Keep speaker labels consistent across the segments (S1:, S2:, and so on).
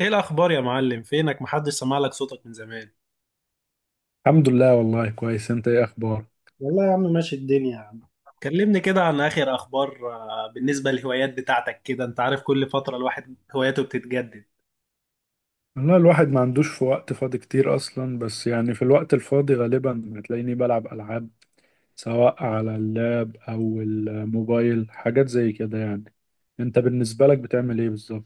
S1: ايه الاخبار يا معلم؟ فينك؟ محدش سمع لك صوتك من زمان.
S2: الحمد لله. والله كويس. انت ايه اخبارك؟
S1: والله يا عم، ماشي الدنيا يا عم. كلمني كده عن اخر اخبار. بالنسبه للهوايات بتاعتك كده، انت عارف كل فتره الواحد هواياته بتتجدد.
S2: والله الواحد ما عندوش في وقت فاضي كتير اصلا، بس يعني في الوقت الفاضي غالبا هتلاقيني بلعب العاب، سواء على اللاب او الموبايل، حاجات زي كده يعني. انت بالنسبة لك بتعمل ايه بالظبط؟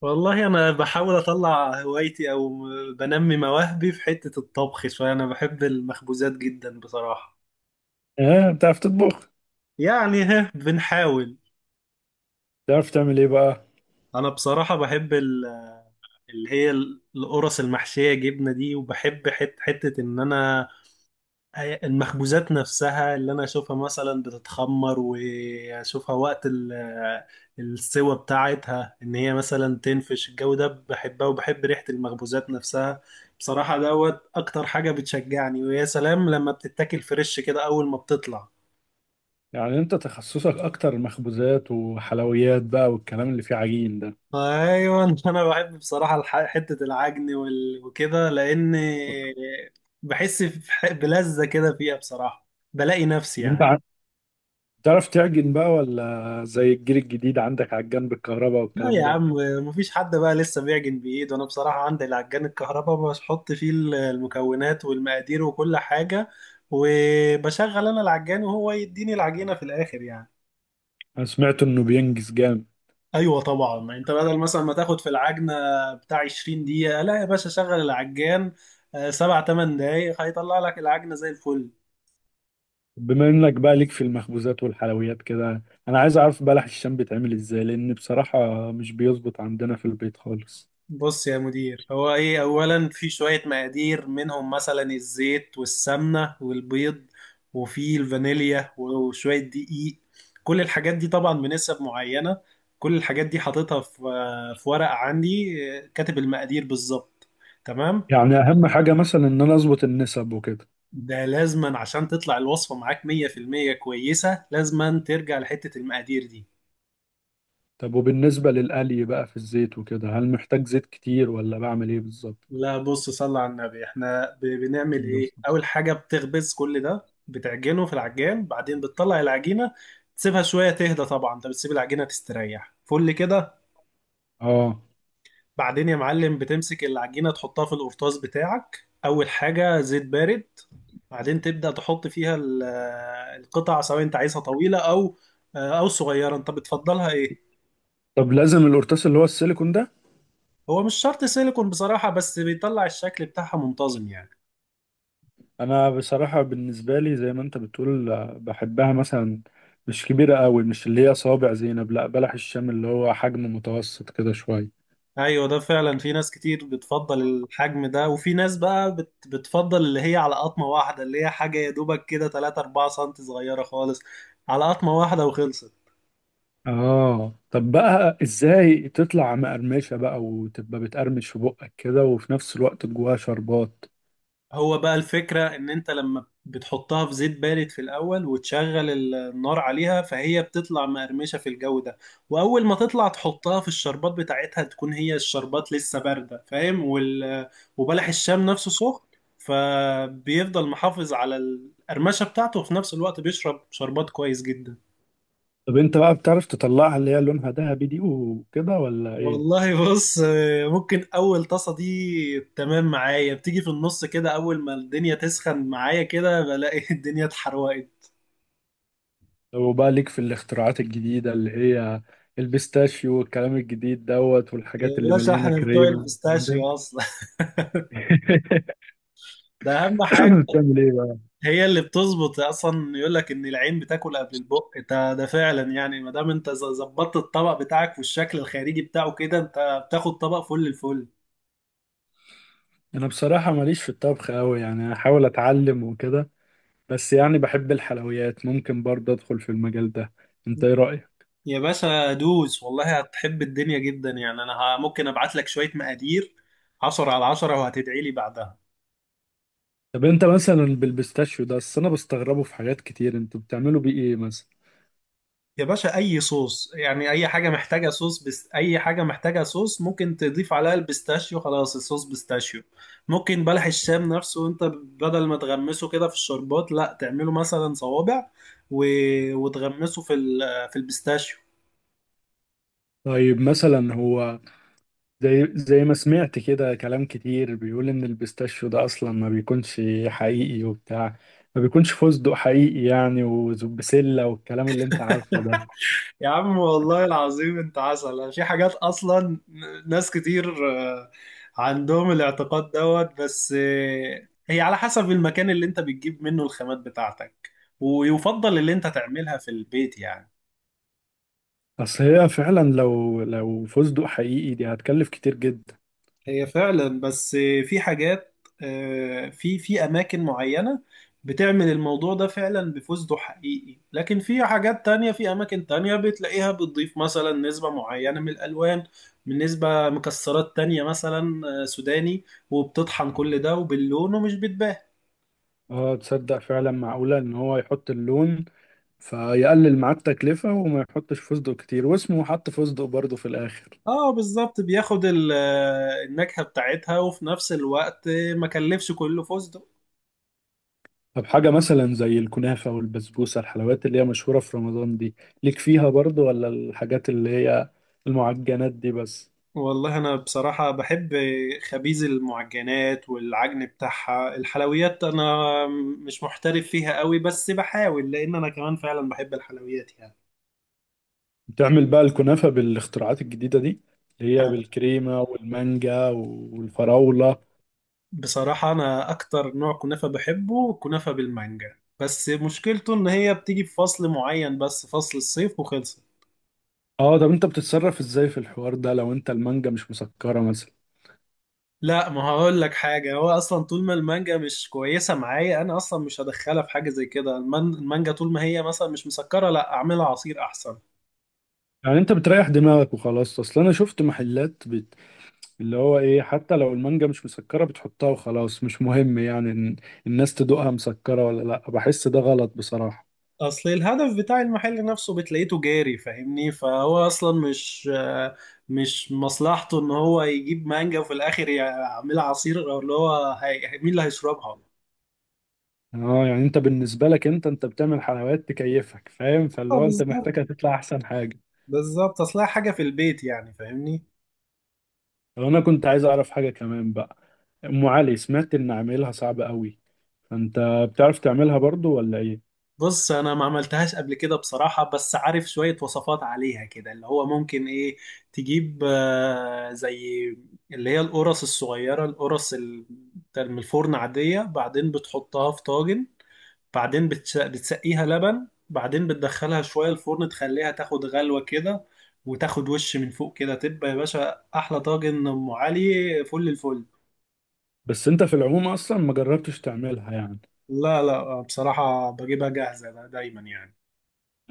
S1: والله انا بحاول اطلع هوايتي او بنمي مواهبي في حته الطبخ شويه. انا بحب المخبوزات جدا بصراحه.
S2: اه، بتعرف تطبخ؟
S1: يعني ها بنحاول.
S2: بتعرف تعمل ايه بقى؟
S1: انا بصراحه بحب اللي هي القرص المحشيه جبنه دي، وبحب حته ان انا المخبوزات نفسها اللي انا اشوفها مثلا بتتخمر، واشوفها وقت السوى بتاعتها ان هي مثلا تنفش الجو ده، بحبها وبحب ريحة المخبوزات نفسها. بصراحة دوت اكتر حاجة بتشجعني، ويا سلام لما بتتاكل فريش كده اول ما بتطلع.
S2: يعني انت تخصصك اكتر مخبوزات وحلويات بقى، والكلام اللي فيه عجين ده؟
S1: ايوه. انا بحب بصراحة حتة العجن وكده، لان بحس بلذة كده فيها بصراحة. بلاقي نفسي
S2: طب انت
S1: يعني.
S2: بتعرف تعجن بقى، ولا زي الجيل الجديد عندك عجان بالكهرباء
S1: لا
S2: والكلام
S1: يا
S2: ده؟
S1: عم. مفيش حد بقى لسه بيعجن بايده. انا بصراحه عندي العجان الكهرباء، بحط فيه المكونات والمقادير وكل حاجه، وبشغل انا العجان وهو يديني العجينه في الاخر يعني.
S2: انا سمعت انه بينجز جامد.
S1: ايوه طبعا، انت بدل مثلا ما تاخد في العجنه بتاع 20 دقيقه، لا يا باشا، شغل العجان، 7 8 دقايق هيطلع لك العجنه زي الفل.
S2: بما انك بقى ليك في المخبوزات والحلويات كده، انا عايز اعرف بلح الشام بيتعمل ازاي، لان بصراحة مش بيظبط عندنا في البيت خالص.
S1: بص يا مدير، هو ايه، اولا في شوية مقادير، منهم مثلا الزيت والسمنة والبيض، وفي الفانيليا وشوية دقيق. كل الحاجات دي طبعا بنسب معينة. كل الحاجات دي حاططها في ورقة عندي، كاتب المقادير بالظبط. تمام.
S2: يعني اهم حاجة مثلا ان انا اظبط النسب وكده؟
S1: ده لازما عشان تطلع الوصفة معاك 100% كويسة، لازما ترجع لحتة المقادير دي.
S2: طب وبالنسبة للقلي بقى في الزيت وكده، هل محتاج زيت كتير ولا بعمل ايه بالظبط؟
S1: لا بص، صلى على النبي، احنا بنعمل ايه، اول حاجه بتخبز كل ده، بتعجنه في العجان، بعدين بتطلع العجينه تسيبها شويه تهدى، طبعا انت بتسيب العجينه تستريح فل كده.
S2: اه.
S1: بعدين يا معلم بتمسك العجينه تحطها في القرطاس بتاعك، اول حاجه زيت بارد. بعدين تبدا تحط فيها القطع، سواء انت عايزها طويله او صغيره، انت بتفضلها ايه؟
S2: طب لازم القرطاس اللي هو السيليكون ده؟
S1: هو مش شرط سيليكون بصراحه، بس بيطلع الشكل بتاعها منتظم يعني.
S2: انا بصراحة بالنسبة لي زي ما انت بتقول، بحبها مثلا مش كبيرة قوي، مش اللي هي صوابع زينب، لا بلح الشام اللي هو حجم متوسط كده شوية.
S1: ايوه، ده فعلا في ناس كتير بتفضل الحجم ده، وفي ناس بقى بتفضل اللي هي على قطمة واحدة، اللي هي حاجة يا دوبك كده 3 4 سم، صغيرة خالص على قطمة واحدة وخلصت.
S2: اه. طب بقى ازاي تطلع مقرمشة بقى وتبقى بتقرمش في بقك كده، وفي نفس الوقت جواها شربات؟
S1: هو بقى الفكرة ان انت لما بتحطها في زيت بارد في الاول، وتشغل النار عليها، فهي بتطلع مقرمشة في الجو ده. واول ما تطلع تحطها في الشربات بتاعتها، تكون هي الشربات لسه باردة، فاهم؟ وبلح الشام نفسه سخن، فبيفضل محافظ على القرمشة بتاعته، وفي نفس الوقت بيشرب شربات كويس جدا.
S2: طب انت بقى بتعرف تطلعها اللي هي لونها ذهبي دي وكده، ولا ايه؟
S1: والله بص، ممكن اول طاسة دي تمام معايا، بتيجي في النص كده، اول ما الدنيا تسخن معايا كده بلاقي الدنيا اتحرقت.
S2: لو بقى ليك في الاختراعات الجديدة اللي هي البيستاشيو والكلام الجديد دوت، والحاجات
S1: يا
S2: اللي
S1: باشا،
S2: مليانة
S1: احنا بتوع
S2: كريم والكلام ده.
S1: البيستاشيو اصلا. ده اهم حاجه.
S2: بتعمل ايه بقى؟
S1: هي اللي بتظبط اصلا، يقول لك ان العين بتاكل قبل البق، ده فعلا يعني، ما دام انت ظبطت الطبق بتاعك والشكل الخارجي بتاعه كده، انت بتاخد طبق فل الفل.
S2: انا بصراحة ماليش في الطبخ قوي، يعني احاول اتعلم وكده، بس يعني بحب الحلويات، ممكن برضه ادخل في المجال ده. انت ايه رأيك؟
S1: يا باشا دوس، والله هتحب الدنيا جدا يعني. انا ممكن ابعت لك شويه مقادير 10 على 10 وهتدعي لي بعدها.
S2: طب انت مثلا بالبيستاشيو ده، اصل انا بستغربه في حاجات كتير، انتوا بتعملوا بيه ايه مثلا؟
S1: يا باشا، اي صوص يعني، اي حاجه محتاجه صوص، بس اي حاجه محتاجه صوص ممكن تضيف عليها البيستاشيو، خلاص الصوص بيستاشيو. ممكن بلح الشام نفسه، انت بدل ما تغمسه كده في الشربات، لا تعمله مثلا صوابع و... وتغمسه في في البيستاشيو.
S2: طيب مثلا هو زي ما سمعت كده، كلام كتير بيقول ان البيستاشيو ده اصلا ما بيكونش حقيقي وبتاع، ما بيكونش فستق حقيقي يعني وبسلة، والكلام اللي انت عارفه ده.
S1: يا عم والله العظيم، انت عسل في حاجات اصلا. ناس كتير عندهم الاعتقاد دوت، بس هي على حسب المكان اللي انت بتجيب منه الخامات بتاعتك، ويفضل اللي انت تعملها في البيت يعني.
S2: اصل هي فعلا لو فستق حقيقي دي هتكلف كتير جدا.
S1: هي فعلا، بس في حاجات، في في اماكن معينه بتعمل الموضوع ده فعلا بفوزده حقيقي، لكن في حاجات تانية في اماكن تانية بتلاقيها بتضيف مثلا نسبه معينه من الالوان، من نسبه مكسرات تانية مثلا، سوداني، وبتطحن كل ده وباللون، ومش بتبان.
S2: اه. تصدق فعلا معقولة ان هو يحط اللون فيقلل معاه التكلفة وما يحطش فستق كتير، واسمه حط فستق برضه في الاخر؟
S1: اه بالظبط، بياخد النكهه بتاعتها، وفي نفس الوقت ما كلفش كله فوزده.
S2: طب حاجة مثلا زي الكنافة والبسبوسة، الحلويات اللي هي مشهورة في رمضان دي، ليك فيها برضو، ولا الحاجات اللي هي المعجنات دي بس؟
S1: والله أنا بصراحة بحب خبيز المعجنات والعجن بتاعها. الحلويات أنا مش محترف فيها قوي، بس بحاول لأن أنا كمان فعلا بحب الحلويات يعني.
S2: بتعمل بقى الكنافة بالاختراعات الجديدة دي اللي هي
S1: أنا
S2: بالكريمة والمانجا والفراولة؟
S1: بصراحة أنا أكتر نوع كنافة بحبه كنافة بالمانجا، بس مشكلته إن هي بتيجي في فصل معين بس، فصل الصيف وخلصت.
S2: اه. طب انت بتتصرف ازاي في الحوار ده لو انت المانجا مش مسكرة مثلا؟
S1: لا، ما هقول لك حاجة، هو أصلا طول ما المانجا مش كويسة معايا، أنا أصلا مش هدخلها في حاجة زي كده. المانجا طول ما هي مثلا مش مسكرة، لا أعملها عصير أحسن.
S2: يعني انت بتريح دماغك وخلاص. اصل انا شفت محلات اللي هو ايه، حتى لو المانجا مش مسكرة بتحطها وخلاص، مش مهم يعني إن الناس تدوقها مسكرة ولا لا، بحس ده غلط بصراحة.
S1: اصل الهدف بتاع المحل نفسه بتلاقيته جاري، فاهمني؟ فهو اصلا مش مصلحته ان هو يجيب مانجا وفي الاخر يعملها عصير، او اللي هو مين اللي هيشربها.
S2: اه. يعني انت بالنسبه لك انت بتعمل حلويات تكيفك فاهم، فاللي
S1: اه
S2: هو انت
S1: بالظبط.
S2: محتاجها تطلع احسن حاجه.
S1: بالظبط اصلها حاجه في البيت يعني، فاهمني.
S2: لو انا كنت عايز اعرف حاجه كمان بقى، ام علي سمعت ان عاملها صعب قوي، فانت بتعرف تعملها برضو ولا ايه؟
S1: بص انا ما عملتهاش قبل كده بصراحه، بس عارف شويه وصفات عليها كده، اللي هو ممكن ايه، تجيب زي اللي هي القرص الصغيره، القرص بتاع من الفرن عاديه، بعدين بتحطها في طاجن، بعدين بتسقيها لبن، بعدين بتدخلها شوية الفرن تخليها تاخد غلوة كده، وتاخد وش من فوق كده، تبقى يا باشا أحلى طاجن أم علي فل الفل.
S2: بس انت في العموم اصلا ما جربتش تعملها يعني؟
S1: لا، لا، بصراحة بجيبها جاهزة دايما يعني.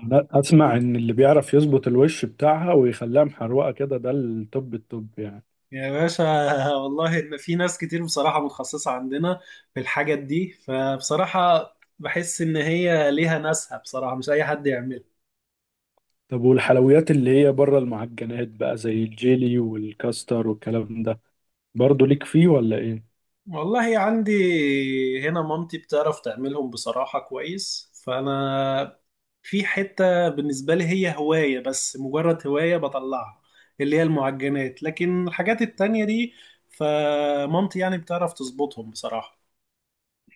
S2: انا اسمع ان اللي بيعرف يظبط الوش بتاعها ويخليها محروقه كده ده التوب التوب يعني.
S1: يا باشا. والله إن في ناس كتير بصراحة متخصصة عندنا في الحاجات دي، فبصراحة بحس إن هي ليها ناسها، بصراحة مش أي حد يعملها.
S2: طب والحلويات اللي هي بره المعجنات بقى زي الجيلي والكاستر والكلام ده، برضو ليك فيه ولا ايه؟
S1: والله عندي هنا، مامتي بتعرف تعملهم بصراحة كويس، فأنا في حتة بالنسبة لي هي هواية، بس مجرد هواية بطلعها، اللي هي المعجنات، لكن الحاجات التانية دي فمامتي يعني بتعرف تظبطهم بصراحة.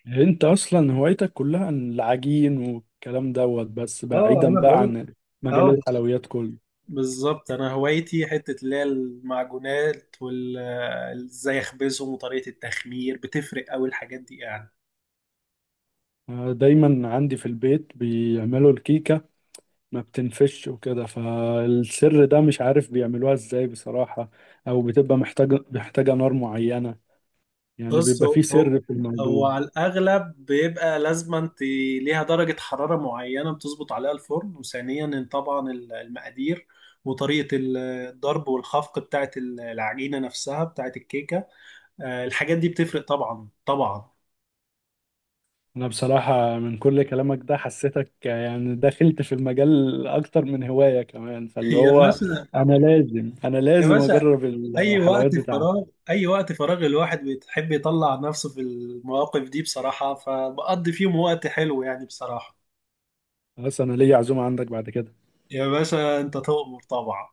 S2: انت اصلا هوايتك كلها عن العجين والكلام دوت، بس
S1: اه،
S2: بعيدا
S1: انا
S2: بقى
S1: بقول،
S2: عن مجال
S1: اه
S2: الحلويات كله.
S1: بالظبط أنا هوايتي حتة اللي هي المعجونات إزاي أخبزهم، وطريقة التخمير بتفرق أوي الحاجات دي يعني.
S2: دايما عندي في البيت بيعملوا الكيكة ما بتنفش وكده، فالسر ده مش عارف بيعملوها ازاي بصراحة، او بتبقى محتاجة نار معينة، يعني
S1: بص
S2: بيبقى
S1: هو
S2: فيه
S1: هو
S2: سر في الموضوع.
S1: هو على الأغلب بيبقى لازما انت ليها درجة حرارة معينة بتظبط عليها الفرن، وثانيا طبعا المقادير، وطريقة الضرب والخفق بتاعت العجينة نفسها بتاعت الكيكة. الحاجات دي بتفرق طبعا طبعا.
S2: انا بصراحة من كل كلامك ده حسيتك يعني دخلت في المجال اكتر من هواية كمان، فاللي
S1: يا
S2: هو
S1: باشا.
S2: انا لازم انا
S1: يا
S2: لازم
S1: باشا،
S2: اجرب
S1: أي وقت
S2: الحلويات بتاعتك.
S1: فراغ، أي وقت فراغ الواحد بيحب يطلع نفسه في المواقف دي بصراحة، فبقضي فيهم وقت حلو يعني بصراحة.
S2: بس انا ليا عزومه عندك بعد كده.
S1: يا باشا، أنت تؤمر طبعا.